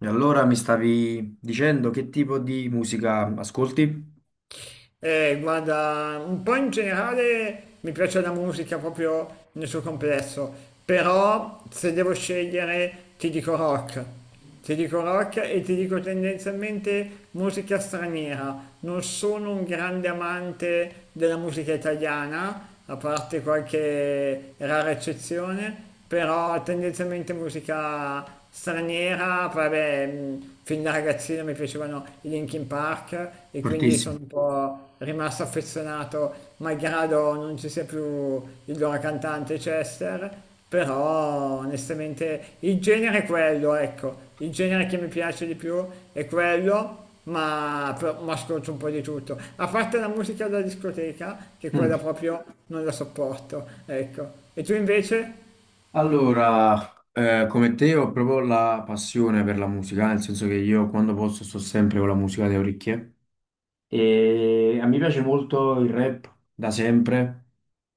E allora mi stavi dicendo che tipo di musica ascolti? Guarda, un po' in generale mi piace la musica proprio nel suo complesso, però se devo scegliere ti dico rock e ti dico tendenzialmente musica straniera. Non sono un grande amante della musica italiana, a parte qualche rara eccezione, però tendenzialmente musica straniera, poi vabbè, fin da ragazzino mi piacevano i Linkin Park e quindi Fortissimo. sono un po' rimasto affezionato, malgrado non ci sia più il loro cantante Chester, però onestamente il genere è quello, ecco, il genere che mi piace di più è quello. Ma, ma ascolto un po' di tutto, a parte la musica da discoteca, che quella Mm. proprio non la sopporto, ecco. E tu invece? Allora, come te ho proprio la passione per la musica, nel senso che io quando posso sto sempre con la musica alle orecchie e a me piace molto il rap da sempre,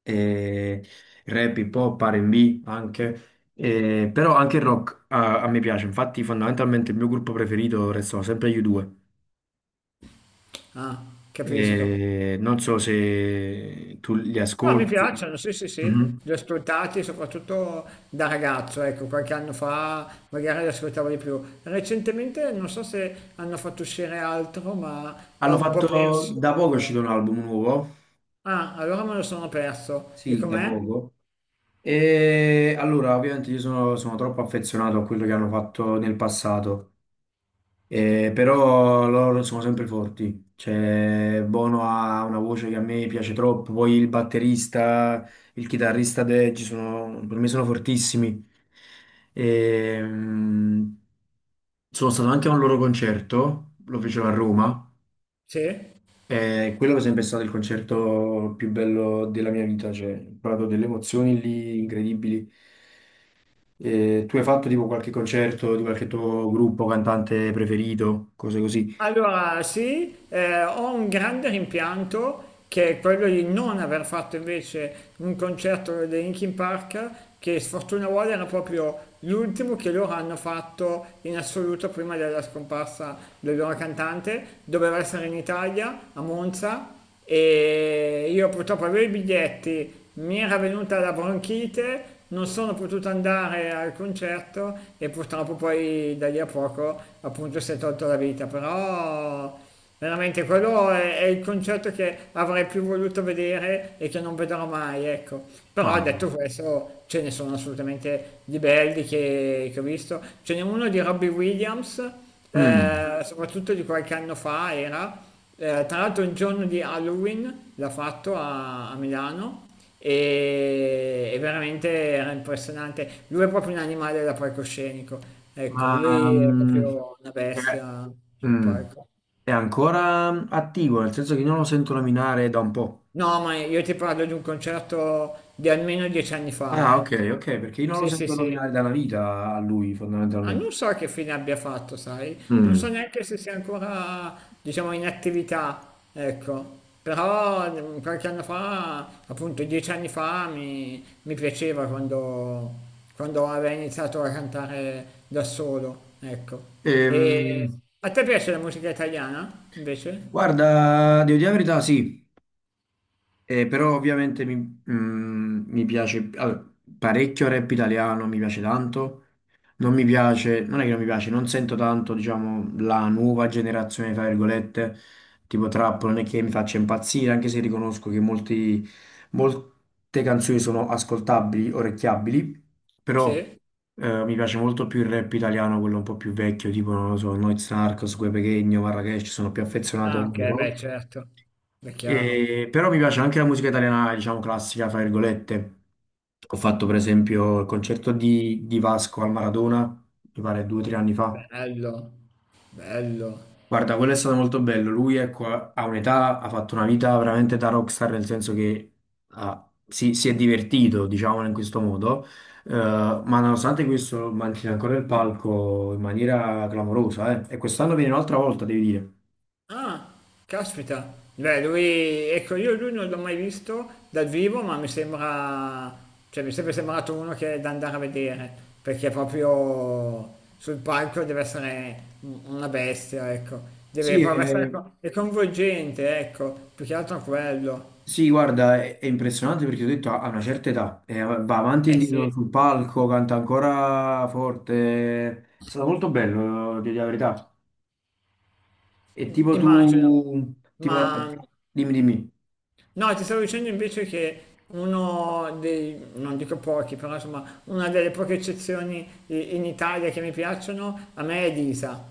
e il rap, hip hop, R&B anche, però anche il rock a me piace, infatti fondamentalmente il mio gruppo preferito restano sempre gli U2. Ah, capisco. E non so se tu li No, mi ascolti. piacciono, sì, sì, sì, Mhm. li ho ascoltati soprattutto da ragazzo, ecco, qualche anno fa magari li ascoltavo di più. Recentemente non so se hanno fatto uscire altro, ma ho Hanno un po' fatto perso. da poco è uscito un album nuovo, Ah, allora me lo sono perso. E sì, da com'è? poco. E allora, ovviamente io sono troppo affezionato a quello che hanno fatto nel passato. Però loro sono sempre forti. Cioè, Bono ha una voce che a me piace troppo. Poi il batterista, il chitarrista Deji sono, per me sono fortissimi. Ehm, sono stato anche a un loro concerto, lo fecero a Roma. Sì? E quello per esempio è stato il concerto più bello della mia vita. Cioè, ho provato delle emozioni lì incredibili. Tu hai fatto tipo qualche concerto di qualche tuo gruppo, cantante preferito, cose così? Allora, sì, ho un grande rimpianto che è quello di non aver fatto invece un concerto dei Linkin Park che sfortuna vuole era proprio l'ultimo che loro hanno fatto in assoluto prima della scomparsa del loro cantante. Doveva essere in Italia, a Monza, e io purtroppo avevo i biglietti, mi era venuta la bronchite, non sono potuto andare al concerto e purtroppo poi da lì a poco appunto si è tolto la vita, però veramente quello è il concerto che avrei più voluto vedere e che non vedrò mai, ecco. Però detto Wow. questo ce ne sono assolutamente di belli che ho visto, ce n'è uno di Robbie Williams, Mm, soprattutto di qualche anno fa era tra l'altro il giorno di Halloween l'ha fatto a Milano e veramente era impressionante. Lui è proprio un animale da palcoscenico, ecco, ma lui è proprio una è, bestia sul mm, palco. è ancora attivo, nel senso che io non lo sento nominare da un po'. No, ma io ti parlo di un concerto di almeno 10 anni fa, Ah, eh. ok, ok, perché io non lo Sì, sì, sento sì. nominare da una vita a lui, Ah, fondamentalmente. non so che fine abbia fatto, sai? Non so Mm. neanche se sia ancora, diciamo, in attività, ecco. Però qualche anno fa, appunto 10 anni fa, mi piaceva quando aveva iniziato a cantare da solo, ecco. E Ehm, a te piace la musica italiana, invece? guarda, devo dire la verità, sì. Però ovviamente mi piace allora, parecchio rap italiano, mi piace tanto. Non mi piace, non è che non mi piace, non sento tanto, diciamo, la nuova generazione, tra virgolette, tipo trap, non è che mi faccia impazzire, anche se riconosco che molti, molte canzoni sono ascoltabili, orecchiabili, però Sì? Mi piace molto più il rap italiano, quello un po' più vecchio, tipo, non lo so, Noyz Narcos, Guè Pequeno, Marracash, sono più affezionato a Ah, ok, beh, loro. certo. È chiaro. Però mi piace anche la musica italiana, diciamo classica, fra virgolette. Ho fatto per esempio il concerto di Vasco al Maradona, mi pare 2 o 3 anni fa. Bello, bello. Guarda, quello è stato molto bello. Lui, ecco, ha un'età, ha fatto una vita veramente da rockstar, nel senso che si è divertito, diciamo, in questo modo. Ma nonostante questo, mantiene ancora il palco in maniera clamorosa, eh. E quest'anno viene un'altra volta, devi dire. Ah, caspita. Beh, lui, ecco, io lui non l'ho mai visto dal vivo, ma mi sembra, cioè mi è sempre sembrato uno che è da andare a vedere, perché proprio sul palco deve essere una bestia, ecco. Deve Sì, proprio essere è coinvolgente, ecco, più che altro quello. sì, guarda, è impressionante perché ho detto ha una certa età, va avanti e Eh indietro sì, sul palco, canta ancora forte, è stato molto bello, di la verità. E tipo tu, immagino. tipo, Ma dimmi, dimmi, no, ti stavo dicendo invece che uno dei, non dico pochi, però insomma, una delle poche eccezioni in Italia che mi piacciono, a me è Elisa.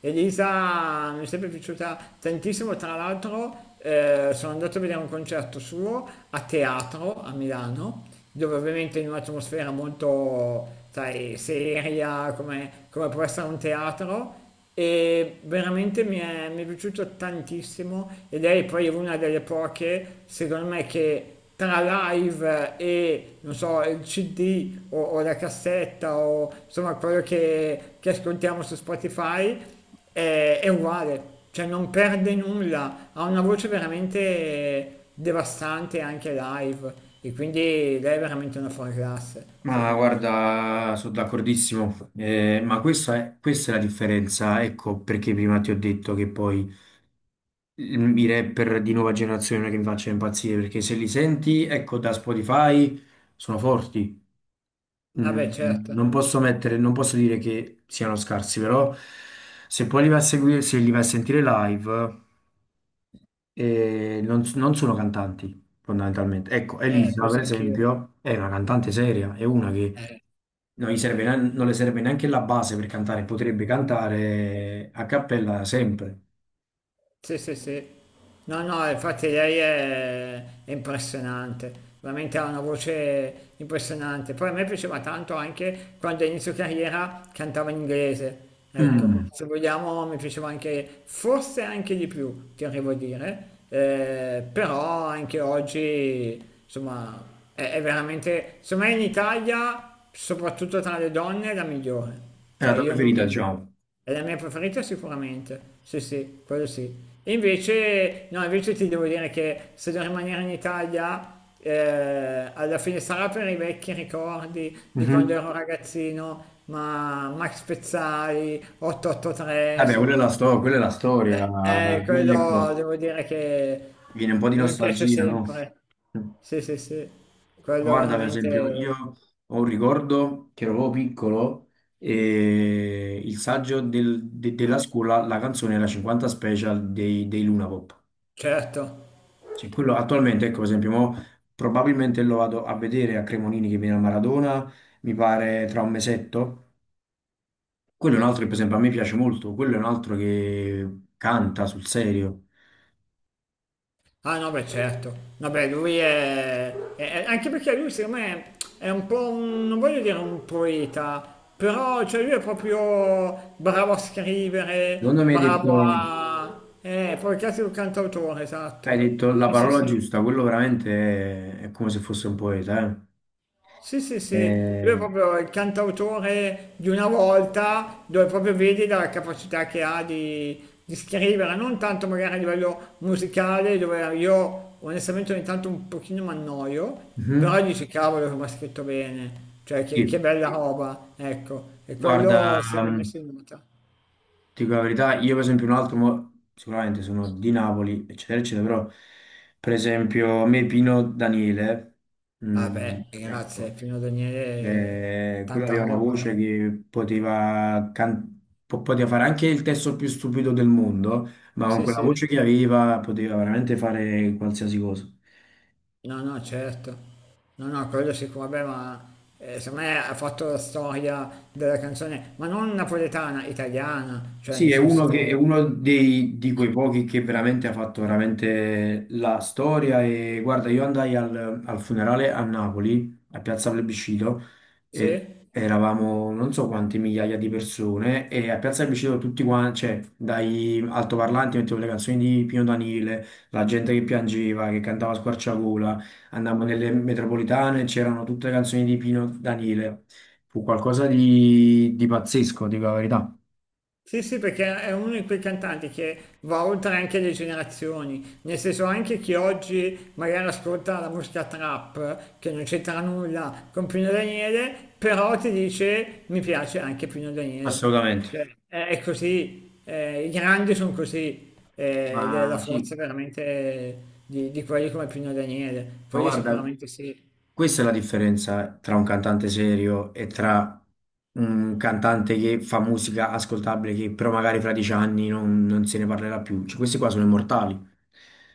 Elisa mi è sempre piaciuta tantissimo, tra l'altro sono andato a vedere un concerto suo a teatro a Milano, dove ovviamente in un'atmosfera molto, sai, seria, come, come può essere un teatro, e veramente mi mi è piaciuto tantissimo e lei poi è una delle poche, secondo me, che tra live e, non so, il CD o la cassetta o insomma quello che ascoltiamo su Spotify è uguale, cioè non perde nulla, ha una voce veramente devastante anche live e quindi lei è veramente una fuori classe, ma secondo me. guarda, sono d'accordissimo. Ma questa è, la differenza, ecco perché prima ti ho detto che poi i rapper di nuova generazione non è che mi faccia impazzire, perché se li senti, ecco, da Spotify sono forti. Vabbè, Mm, certo, Non posso mettere, non posso dire che siano scarsi, però se poi li vai a seguire, se li vai a sentire live, non sono cantanti fondamentalmente. Ecco, Elisa, per penso anch'io. esempio, è una cantante seria, è una che Eh. Non le serve neanche la base per cantare, potrebbe cantare a cappella sempre. Sì, sì, sì. No, no, infatti è impressionante, veramente ha una voce impressionante. Poi a me piaceva tanto anche quando a inizio carriera cantava in inglese. Mm, Ecco, se vogliamo mi piaceva anche, forse anche di più, ti arrivo a dire, eh, però anche oggi, insomma, è veramente, secondo me in Italia, soprattutto tra le donne, è la migliore. È la Cioè tua io preferita, non... diciamo. È la mia preferita sicuramente, sì sì, quello sì. E invece, no, invece ti devo dire che se devo rimanere in Italia, alla fine sarà per i vecchi ricordi di quando Mhm. ero ragazzino, ma Max Pezzali, 883, Vabbè, insomma, quella è la storia, quindi quello ecco, devo dire che viene un po' di mi piace nostalgia, no? sempre. Sì, sì, sì, Ma quello guarda, per esempio, veramente, io ho un ricordo che ero proprio piccolo e il saggio della scuola, la canzone era 50 Special dei Luna Pop. certo. Cioè, quello attualmente, ecco, per esempio, mo probabilmente lo vado a vedere a Cremonini che viene a Maradona, mi pare tra un mesetto. Quello è un altro che, per esempio, a me piace molto, quello è un altro che canta sul serio. Ah no, beh certo. Vabbè, lui è- anche perché lui secondo me è un po'... non voglio dire un poeta, però cioè, lui è proprio bravo a scrivere, Secondo me hai bravo detto, a... poi cazzo è un cantautore, hai esatto. detto la Sì, sì, parola sì. giusta, quello veramente è come se fosse un poeta, Sì, sì, sì, lui eh. è proprio il cantautore di una volta dove proprio vedi la capacità che ha di scrivere, non tanto magari a livello musicale dove io onestamente ogni tanto un pochino mi annoio, Mhm. però dici cavolo come ha scritto bene, cioè che Sì, bella roba, ecco, e quello guarda, secondo me mm, si nota. ti dico la verità, io per esempio un altro, sicuramente sono di Napoli, eccetera, eccetera, però per esempio a me Pino Daniele, Vabbè, grazie, ecco, Pino Daniele, cioè, quello tanta aveva una roba. voce che poteva, poteva fare anche il testo più stupido del mondo, ma con Sì, quella sì. voce che aveva poteva veramente fare qualsiasi cosa. No, no, certo. No, no, quello sicuro, vabbè, ma secondo me ha fatto la storia della canzone, ma non napoletana, italiana, cioè Sì, nel è uno, che, è senso... uno dei, di quei pochi che veramente ha fatto veramente la storia e guarda, io andai al funerale a Napoli, a Piazza Plebiscito, e Sì? eravamo non so quante migliaia di persone e a Piazza Plebiscito tutti quanti, cioè dai altoparlanti mettevo le canzoni di Pino Daniele, la gente che piangeva, che cantava a squarciagola, andavamo nelle metropolitane, c'erano tutte le canzoni di Pino Daniele, fu qualcosa di pazzesco, dico la verità. Sì, sì, perché è uno di quei cantanti che va oltre anche le generazioni, nel senso anche chi oggi magari ascolta la musica trap, che non c'entra nulla con Pino Daniele, però ti dice mi piace anche Pino Daniele. Assolutamente. Cioè, è così, i grandi sono così, ed è la Ma forza sì, veramente di quelli come Pino Daniele, ma quelli guarda, sicuramente sì. questa è la differenza tra un cantante serio e tra un cantante che fa musica ascoltabile che però magari fra 10 anni non se ne parlerà più. Cioè, questi qua sono immortali.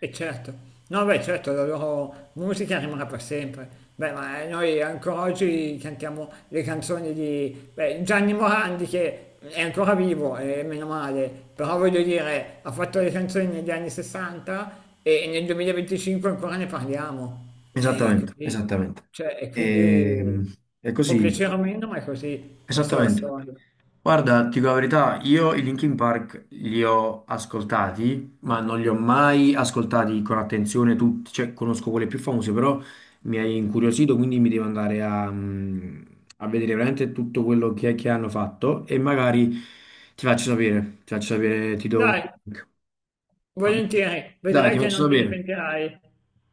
E certo, no beh certo la loro musica rimarrà per sempre. Beh ma noi ancora oggi cantiamo le canzoni di beh, Gianni Morandi che è ancora vivo e meno male, però voglio dire ha fatto le canzoni negli anni 60 e nel 2025 ancora ne parliamo. E Esattamente, così, esattamente. cioè, e quindi E, è può così, piacere o meno ma è così, questa è la esattamente. storia. Guarda, ti dico la verità, io i Linkin Park li ho ascoltati, ma non li ho mai ascoltati con attenzione tutti, cioè conosco quelle più famose, però mi hai incuriosito, quindi mi devo andare a vedere veramente tutto quello che hanno fatto e magari ti faccio sapere, ti faccio sapere, ti do un Dai, link. Va bene? volentieri, Dai, vedrai ti che faccio non te ne sapere, pentirai.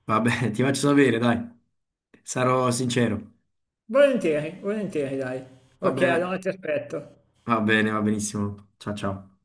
va bene, ti faccio sapere, dai, sarò sincero, Volentieri, volentieri, dai. va Ok, bene, allora ti aspetto. va bene, va benissimo, ciao ciao.